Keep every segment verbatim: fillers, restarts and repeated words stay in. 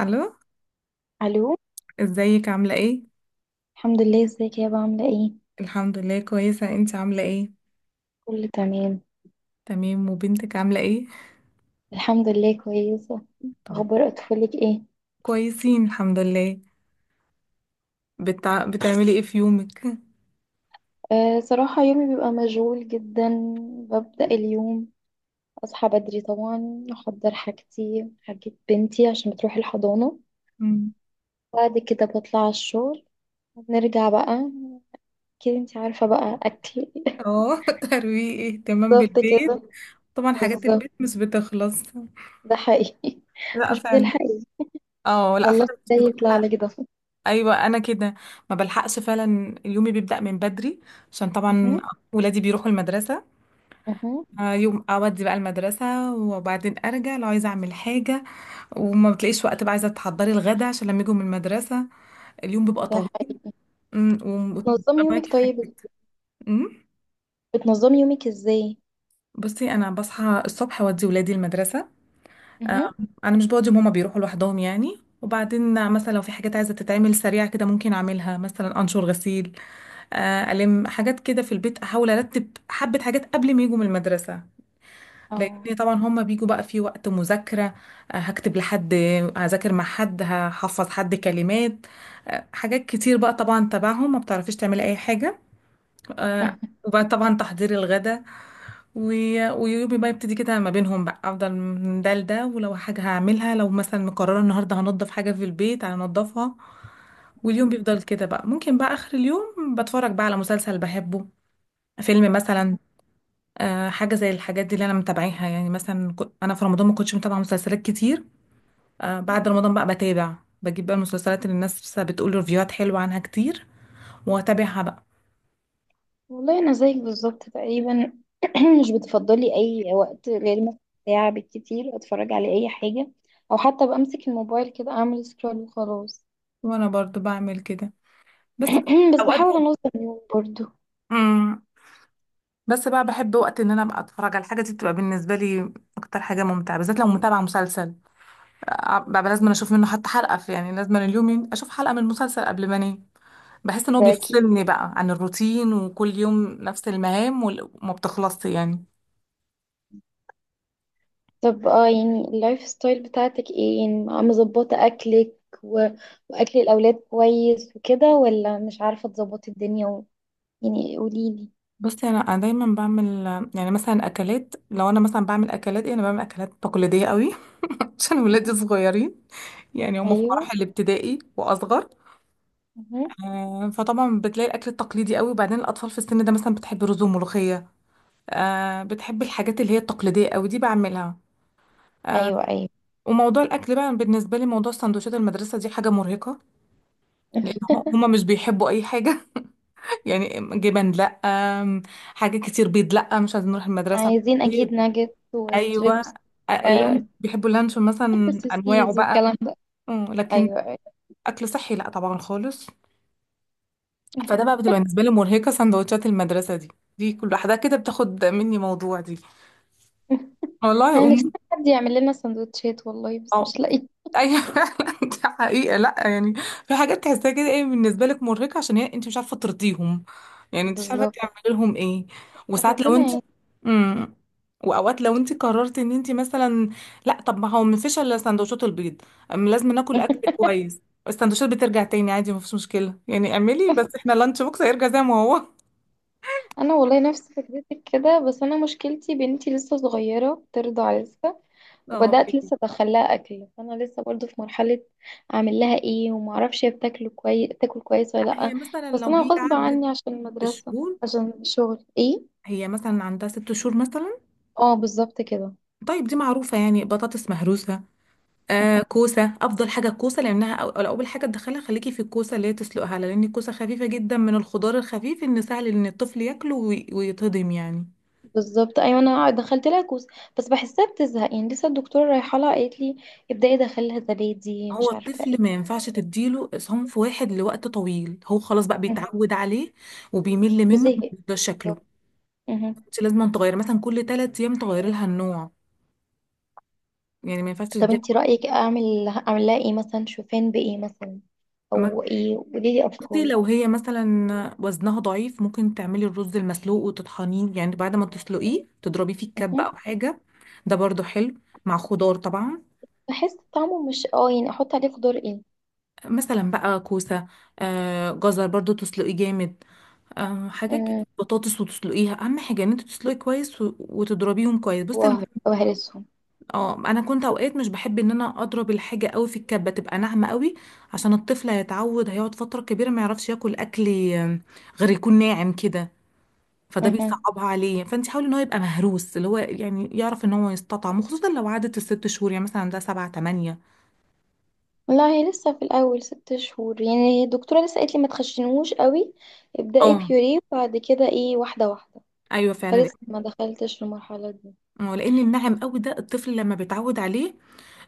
الو. الو. ازيك؟ عامله ايه؟ الحمد لله، ازيك يا بابا؟ عامله ايه؟ الحمد لله، كويسه. انت عامله ايه؟ كله تمام. تمام. وبنتك عامله ايه؟ الحمد لله كويسه. طب. اخبار اطفالك ايه؟ كويسين، الحمد لله. بتع... بتعملي ايه في يومك؟ أه صراحه يومي بيبقى مشغول جدا. ببدا اليوم، اصحى بدري طبعا، احضر حاجتي، حاجه بنتي عشان تروح الحضانه. مم. بعد كده بطلع على الشغل. نرجع بقى، كده انت عارفه بقى اكل اه. ترويق، اهتمام بالظبط بالبيت. كده. طبعا حاجات بالظبط. البيت مش بتخلص. ده حقيقي لا مش فعلا. بتلحقي. اه، لا خلصت فعلا مش ده يطلع بتلحق. لك ده. ايوه، انا كده. ما بلحقش فعلا. يومي بيبدأ من بدري عشان طبعا أها، ولادي بيروحوا المدرسه. أها. آه، يوم اودي بقى المدرسه وبعدين ارجع لو عايزه اعمل حاجه، وما بتلاقيش وقت، بقى عايزه تحضري الغدا عشان لما يجوا من المدرسه. اليوم بيبقى ده طويل. حقيقي. أمم، نظم وبتبقى يومك معاكي حاجات طيب، كتير. أمم. بتنظمي يومك ازاي؟ بصي، انا بصحى الصبح اودي ولادي المدرسه. آه، مهم. انا مش بودي، هما بيروحوا لوحدهم يعني، وبعدين مثلا لو في حاجات عايزه تتعمل سريعه كده ممكن اعملها، مثلا انشر غسيل. آه، الم حاجات كده في البيت، احاول ارتب حبه حاجات قبل ما يجوا من المدرسه. اه لان طبعا هما بيجوا بقى في وقت مذاكرة. آه، هكتب لحد، هذاكر مع حد، هحفظ حد كلمات. آه، حاجات كتير بقى طبعا تبعهم، ما بتعرفيش تعملي اي حاجة. آه، وبقى طبعا تحضير الغدا. و- ويومي بقى يبتدي كده ما بينهم، بقى افضل من ده لده، ولو حاجة هعملها لو مثلا مقررة النهاردة هنضف حاجة في البيت هنضفها. واليوم بيفضل كده بقى، ممكن بقى اخر اليوم بتفرج بقى على مسلسل بحبه، فيلم مثلا. آه، حاجة زي الحاجات دي اللي أنا متابعيها. يعني مثلا كو- أنا في رمضان ما كنتش متابعة مسلسلات كتير. آه، بعد رمضان بقى بتابع، بجيب بقى المسلسلات اللي الناس لسه بتقول ريفيوهات حلوة عنها كتير، وأتابعها بقى. والله انا زيك بالظبط تقريبا. مش بتفضلي اي وقت غير مثلا ساعه بالكتير اتفرج على اي حاجه، او حتى بمسك الموبايل كده اعمل سكرول وخلاص. وأنا برضو بعمل كده. بس ب- بس أوقات. بحاول انظم يومي برضو. امم بس بقى بحب وقت إن أنا أبقى أتفرج على الحاجة دي، بتبقى بالنسبة لي أكتر حاجة ممتعة، بالذات لو متابعة مسلسل. آه، بقى لازم أشوف منه حتى حلقة، في يعني لازم اليوم ين- أشوف حلقة من المسلسل قبل ما أنام. بحس إن هو ده اكيد. بيفصلني بقى عن الروتين، وكل يوم نفس المهام وال- وما بتخلصش يعني. طب اه يعني اللايف ستايل بتاعتك ايه؟ يعني مظبطه اكلك و... واكل الاولاد كويس وكده، ولا مش عارفه تظبطي الدنيا و...؟ يعني قوليلي. بصي، انا أنا دايما بعمل يعني مثلا اكلات. لو انا مثلا بعمل اكلات ايه، انا بعمل اكلات تقليديه قوي. عشان ولادي صغيرين، يعني هم في ايوه مراحل ابتدائي واصغر. آه، فطبعا بتلاقي الاكل التقليدي قوي. وبعدين الاطفال في السن ده مثلا بتحب رز وملوخيه. آه، بتحب الحاجات اللي هي التقليديه قوي دي، بعملها. آه، ايوه ايوه، وموضوع الاكل بقى بالنسبه لي، موضوع سندوتشات المدرسه دي حاجه مرهقه. لان هو- هما مش بيحبوا اي حاجه. يعني جبن لا، آم، حاجه كتير، بيض لا، مش عايزين نروح المدرسه. عايزين اكيد ناجت ايوه. وستريبس. آه، آه، اللان بيحبوا اللانشون مثلا، انواعه سوسيز بقى. والكلام ده. أمم، لكن ايوه ايوه اكل صحي لا طبعا خالص. فده بقى بتبقى بالنسبه لي مرهقه، سندوتشات المدرسه دي، دي كل واحده كده بتاخد مني موضوع دي. انا والله. نفسي أم- حد يعمل لنا سندوتشات والله بس اه. مش لاقي. ايوه فعلا. ده حقيقة، لا يعني. في حاجات تحسها كده ايه بالنسبة لك مرهقة، عشان هي انت مش عارفة ترضيهم، يعني انت مش عارفة بالظبط. تعملي لهم ايه. وساعات لو ربنا انت. يعين امم. واوقات لو انت قررت ان انت مثلا لا، طب ما هو ما فيش الا سندوتشات البيض. أم لازم ناكل اكل كويس. السندوتشات بترجع تاني عادي، ما فيش مشكلة. يعني اعملي بس، احنا اللانش بوكس هيرجع زي ما هو. انا والله نفس فكرتك كده، بس انا مشكلتي بنتي لسه صغيره بترضع لسه، اه، وبدات بيبي. لسه ادخلها اكل، فانا لسه برضو في مرحله اعمل لها ايه وما اعرفش هي بتاكل كويس، تاكل كويس ولا لا، لا. هي مثلا بس لو انا هي غصب عدت عني عشان المدرسه، بشهور، عشان الشغل ايه. هي مثلا عندها ست شهور مثلا. اه بالظبط كده. طيب دي معروفة، يعني بطاطس مهروسة. آه كوسة. أفضل حاجة الكوسة، لأنها أو أو أول حاجة تدخلها خليكي في الكوسة، اللي هي تسلقها، لأن الكوسة خفيفة جدا من الخضار الخفيف، إن سهل إن الطفل ياكله وي- ويتهضم يعني. بالظبط. ايوه انا دخلت لها كوس، بس بحسها بتزهق يعني. لسه الدكتوره رايحه لها قالت لي ابداي دخلها زبادي هو مش عارفه الطفل ما ايه. ينفعش تديله صنف واحد لوقت طويل، هو خلاص بقى مهم. بيتعود عليه وبيمل منه وزهقت. وبيفضل شكله. بالظبط. مهم. انت لازم تغير مثلا كل ثلاث أيام، تغيري لها النوع، يعني ما ينفعش طب تديها. انتي رايك، اعمل اعمل لها ايه مثلا؟ شوفان بايه مثلا، او ايه؟ قولي لي بصي، افكار. لو هي مثلا وزنها ضعيف، ممكن تعملي الرز المسلوق وتطحنيه، يعني بعد ما تسلقيه تضربي فيه الكبة مهم. أو حاجة. ده برضو حلو، مع خضار طبعا. بحس طعمه مش اه يعني، احط عليه خضار ايه؟ مثلا بقى كوسة، آه جزر برضو تسلقيه جامد، آه حاجات كده، مم. بطاطس وتسلقيها. أهم حاجة إن أنت تسلقي كويس و- وتضربيهم كويس. بصي أنا، وهر- وهرسهم. اه أنا كنت أوقات مش بحب إن أنا أضرب الحاجة قوي في الكبة تبقى ناعمة قوي، عشان الطفل هيتعود، هيقعد فترة كبيرة ما يعرفش ياكل أكل آه، غير يكون ناعم كده. فده مهم. بيصعبها عليه، فانت حاولي ان هو يبقى مهروس، اللي هو يعني يعرف ان هو يستطعم. وخصوصا لو عدت الست شهور، يعني مثلا ده سبعة تمانية. لا هي لسه في الاول ست شهور، يعني الدكتوره لسه قالت لي ما تخشنوش قوي، ابداي اه، بيوريه وبعد كده ايه واحده واحده. ايوه فعلا. فلسه ما دخلتش المرحلة دي. آه، لان الناعم قوي ده الطفل لما بيتعود عليه.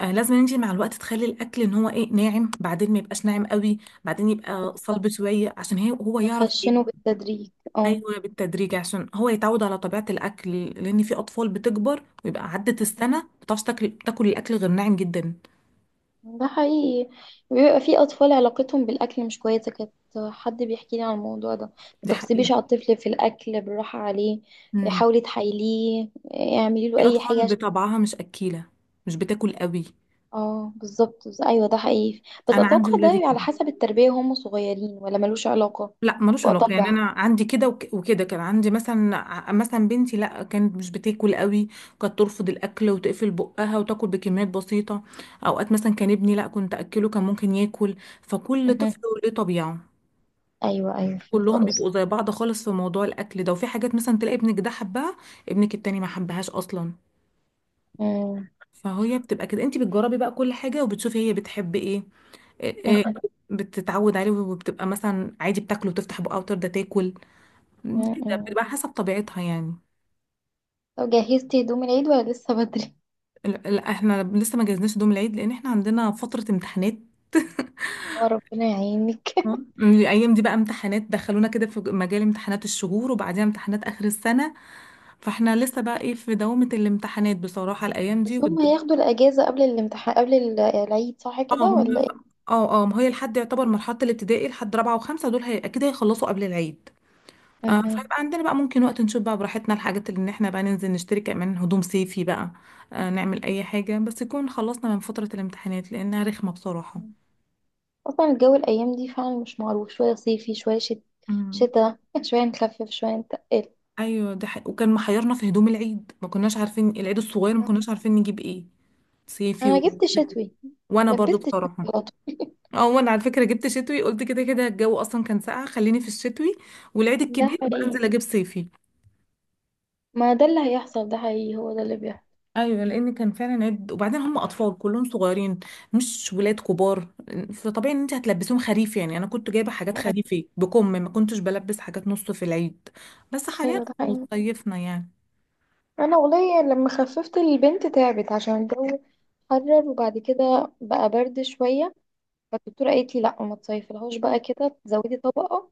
آه لازم انت مع الوقت تخلي الاكل ان هو ايه، ناعم، بعدين ما يبقاش ناعم قوي، بعدين يبقى صلب شويه، عشان هي هو يعرف ايه. هخشنه بالتدريج. اه ايوه بالتدريج، عشان هو يتعود على طبيعه الاكل، لان في اطفال بتكبر ويبقى عدت السنه ما بتعرفش تاكل، تاكل الاكل غير ناعم جدا. ده حقيقي. بيبقى في أطفال علاقتهم بالأكل مش كويسة كانت. حد بيحكي لي عن الموضوع ده: ما دي حقيقه، تغصبيش على الطفل في الأكل، بالراحة عليه، حاولي تحايليه، اعملي له في أي حاجة اطفال عشان- بطبعها مش اكيله، مش بتاكل قوي. اه بالظبط بس- أيوه ده حقيقي. بس انا عندي أتوقع ولادي ده على كده. حسب التربية وهم صغيرين، ولا ملوش علاقة. لا ملوش يبقى علاقه، يعني طبع. انا عندي كده وك- وكده، كان عندي مثلا ع- مثلا بنتي لا، كانت مش بتاكل قوي، كانت ترفض الاكل وتقفل بقها وتاكل بكميات بسيطه. اوقات مثلا كان ابني لا، كنت اكله كان ممكن ياكل. فكل طفل مهم. وليه طبيعه. أيوه أيوه، فهمت كلهم بيبقوا قصدي. زي بعض خالص في موضوع الاكل ده. وفي حاجات مثلا تلاقي ابنك ده حبها، ابنك التاني ما حبهاش اصلا. مم. فهي بتبقى كده، انت بتجربي بقى كل حاجه وبتشوفي هي بتحب ايه. إيه، إيه، مهم. بتتعود عليه وبتبقى مثلا عادي بتاكله وتفتح بقها وترضى تاكل. كده مم. بتبقى حسب طبيعتها يعني. طب جهزتي هدوم العيد ولا لسه بدري؟ لا، لا، احنا لسه ما جهزناش دوم العيد لان احنا عندنا فترة امتحانات. اه ربنا يعينك آه. الايام دي بقى امتحانات، دخلونا كده في مجال امتحانات الشهور وبعديها امتحانات اخر السنة. فاحنا لسه بقى ايه، في دوامة الامتحانات بصراحة الايام دي. بس هم والد- هياخدوا الأجازة قبل الامتحان قبل ال- العيد، صح اه، كده ولا هم. ايه؟ اه، اه، ما هي لحد يعتبر مرحلة الابتدائي لحد رابعة وخمسة، دول هي اكيد هيخلصوا قبل العيد. آه، مهم. فيبقى عندنا بقى ممكن وقت، نشوف بقى براحتنا الحاجات، اللي ان احنا بقى ننزل نشتري، كمان هدوم صيفي بقى. آه، نعمل اي حاجة، بس يكون خلصنا من فترة الامتحانات لانها رخمة بصراحة. أصلا الجو الأيام دي فعلا مش معروف، شوية صيفي شوية شت... مم. شتا شوية نخفف شوية نتقل. ايوه ده حق. وكان محيرنا في هدوم العيد، ما كناش عارفين العيد الصغير ما كناش عارفين نجيب ايه، صيفي أنا و. جبت شتوي. وانا برضو لبست شتوي بصراحة، على طول. اه وانا على فكرة جبت شتوي، قلت كده كده الجو اصلا كان ساقع، خليني في الشتوي، والعيد ده الكبير بقى حقيقي. انزل اجيب صيفي. ما ده اللي هيحصل، ده حقيقي، هو ده اللي بيحصل. ايوه، لان كان فعلا عيب، وبعدين هم اطفال كلهم صغيرين، مش ولاد كبار. فطبيعي ان انت هتلبسيهم خريف. يعني انا كنت جايبه حاجات خريفي، بكم ما كنتش بلبس حاجات نص في العيد. بس حاليا أيوة ده حقيقي. صيفنا يعني. أنا والله لما خففت البنت تعبت عشان الجو حرر، وبعد كده بقى برد شوية. فالدكتورة قالت لي لأ ما تصيفلهاش بقى كده، تزودي طبقة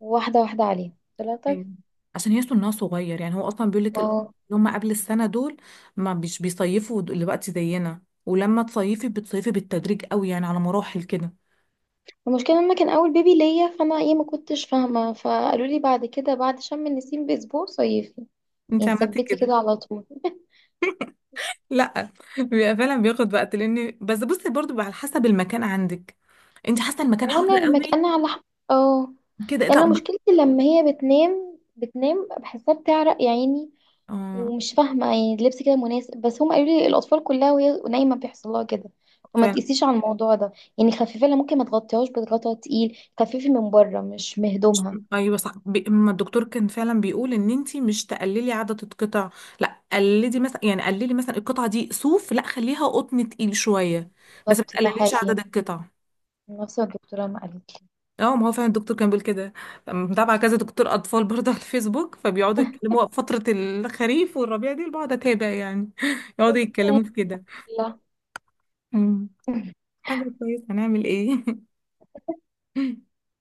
واحدة واحدة عليه. قلت لها طيب. أيوة. عشان يحسوا انها صغير، يعني هو اصلا بيقول لك اللي اه، هم قبل السنه دول ما مش بيصيفوا دلوقتي زينا. ولما تصيفي بتصيفي بالتدريج قوي، يعني على مراحل كده. المشكلة لما كان أول بيبي ليا، فأنا إيه ما كنتش فاهمة، فقالوا لي بعد كده بعد شم النسيم بأسبوع صيفي، انت يعني عملتي ثبتي كده؟ كده على طول. لا. بيبقى فعلا بياخد وقت، لان بس بصي برضو بقى على حسب المكان عندك، انت حاسه المكان حر وأنا قوي المكان على ح- اه. كده يعني أنا لا. مشكلتي لما هي بتنام بتنام بحسها بتعرق يا عيني، اه ومش فاهمة يعني اللبس كده مناسب، بس هم قالوا لي الأطفال كلها وهي نايمة بيحصل لها كده، فما فعلا. تقيسيش على الموضوع ده. يعني خففي لها، ممكن ما تغطيهاش بغطا تقيل، خففي من بره مش مهدومها. ايوه صح، بي... ما الدكتور كان فعلا بيقول ان انت مش تقللي عدد القطع. لا قللي مثلا، يعني قللي مثلا القطعه دي صوف لا خليها قطن تقيل شويه. بس ما بالظبط ده تقلليش حقيقي. عدد القطع. نفس الدكتورة ما قالت اه ما هو فعلا الدكتور كان بيقول كده. متابعه كذا دكتور اطفال برضه على الفيسبوك، فبيقعدوا يتكلموا فتره الخريف والربيع دي، بقعد اتابع يعني. يقعدوا لي. يتكلموا في كده. لا حاجة كويسة، هنعمل ايه.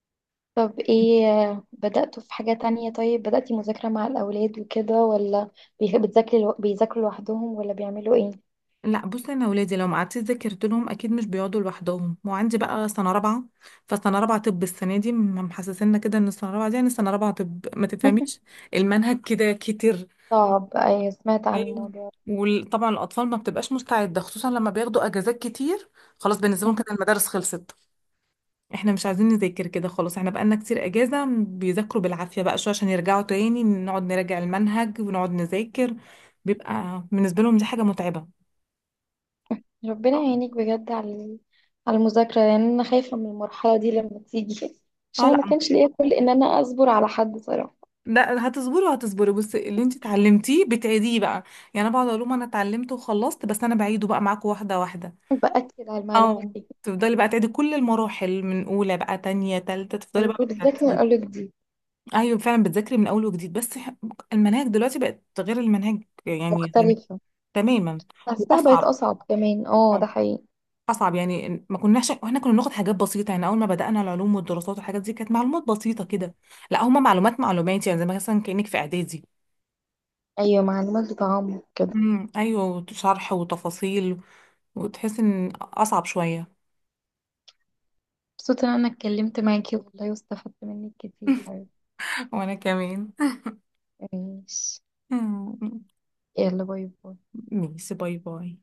طب ايه، بدأتوا في حاجة تانية؟ طيب بدأتي مذاكرة مع الأولاد وكده، ولا بي- بتذاكري لو- بيذاكروا لوحدهم ولا بيعملوا ايه؟ لا بصي، انا ولادي لو ما قعدتش ذاكرت لهم اكيد مش بيقعدوا لوحدهم. وعندي بقى سنه رابعه، فسنه رابعه طب. السنه دي م- محسسنا كده ان السنه رابعه دي، يعني سنه رابعه طب ما تفهميش، المنهج كده كتير. صعب، ايوه سمعت عن ايوه. الموضوع وطبعا الاطفال ما بتبقاش مستعده، خصوصا لما بياخدوا اجازات كتير، خلاص بالنسبه لهم ده. كده المدارس خلصت. احنا مش عايزين نذاكر، كده خلاص احنا بقالنا كتير اجازة، بيذاكروا بالعافية بقى شوية عشان يرجعوا تاني نقعد نراجع المنهج ونقعد نذاكر. بيبقى بالنسبة لهم دي حاجة متعبة. ربنا يعينك بجد، على على المذاكرة. يعني أنا خايفة من المرحلة دي لما تيجي اه، عشان أنا ما لا، كانش ليا كل إن أنا أصبر على حد صراحة. لا، هتصبروا هتصبروا، بس اللي انت اتعلمتيه بتعيديه بقى. يعني انا بقعد اقول لهم انا اتعلمت وخلصت، بس انا بعيده بقى معاكم واحدة واحدة. بأكد على المعلومات اه، دي. تفضلي بقى تعيدي كل المراحل، من اولى بقى تانية تالتة، تفضلي بقى وبالذات من بالترتيب. أقولك دي. ايوه فعلا بتذاكري من اول وجديد، بس ح- المناهج دلوقتي بقت غير المناهج يعني زمان. مختلفة. تماما. حاساها بقت واصعب. أصعب كمان، اه ده حقيقي. اصعب يعني. ما كناش واحنا كنا بناخد حاجات بسيطه، يعني اول ما بدانا العلوم والدراسات والحاجات دي كانت معلومات بسيطه كده. لا، هما معلومات معلومات، يعني زي مثلا كانك في اعدادي. ايوه معلومات بتعمق كده. امم، ايوه، شرح وتفاصيل، وتحس ان اصعب شويه. مبسوطة ان انا اتكلمت معاكي والله واستفدت منك كتير حبيبتي. وانا كمان. ماشي، يلا باي باي. ميسي، باي باي.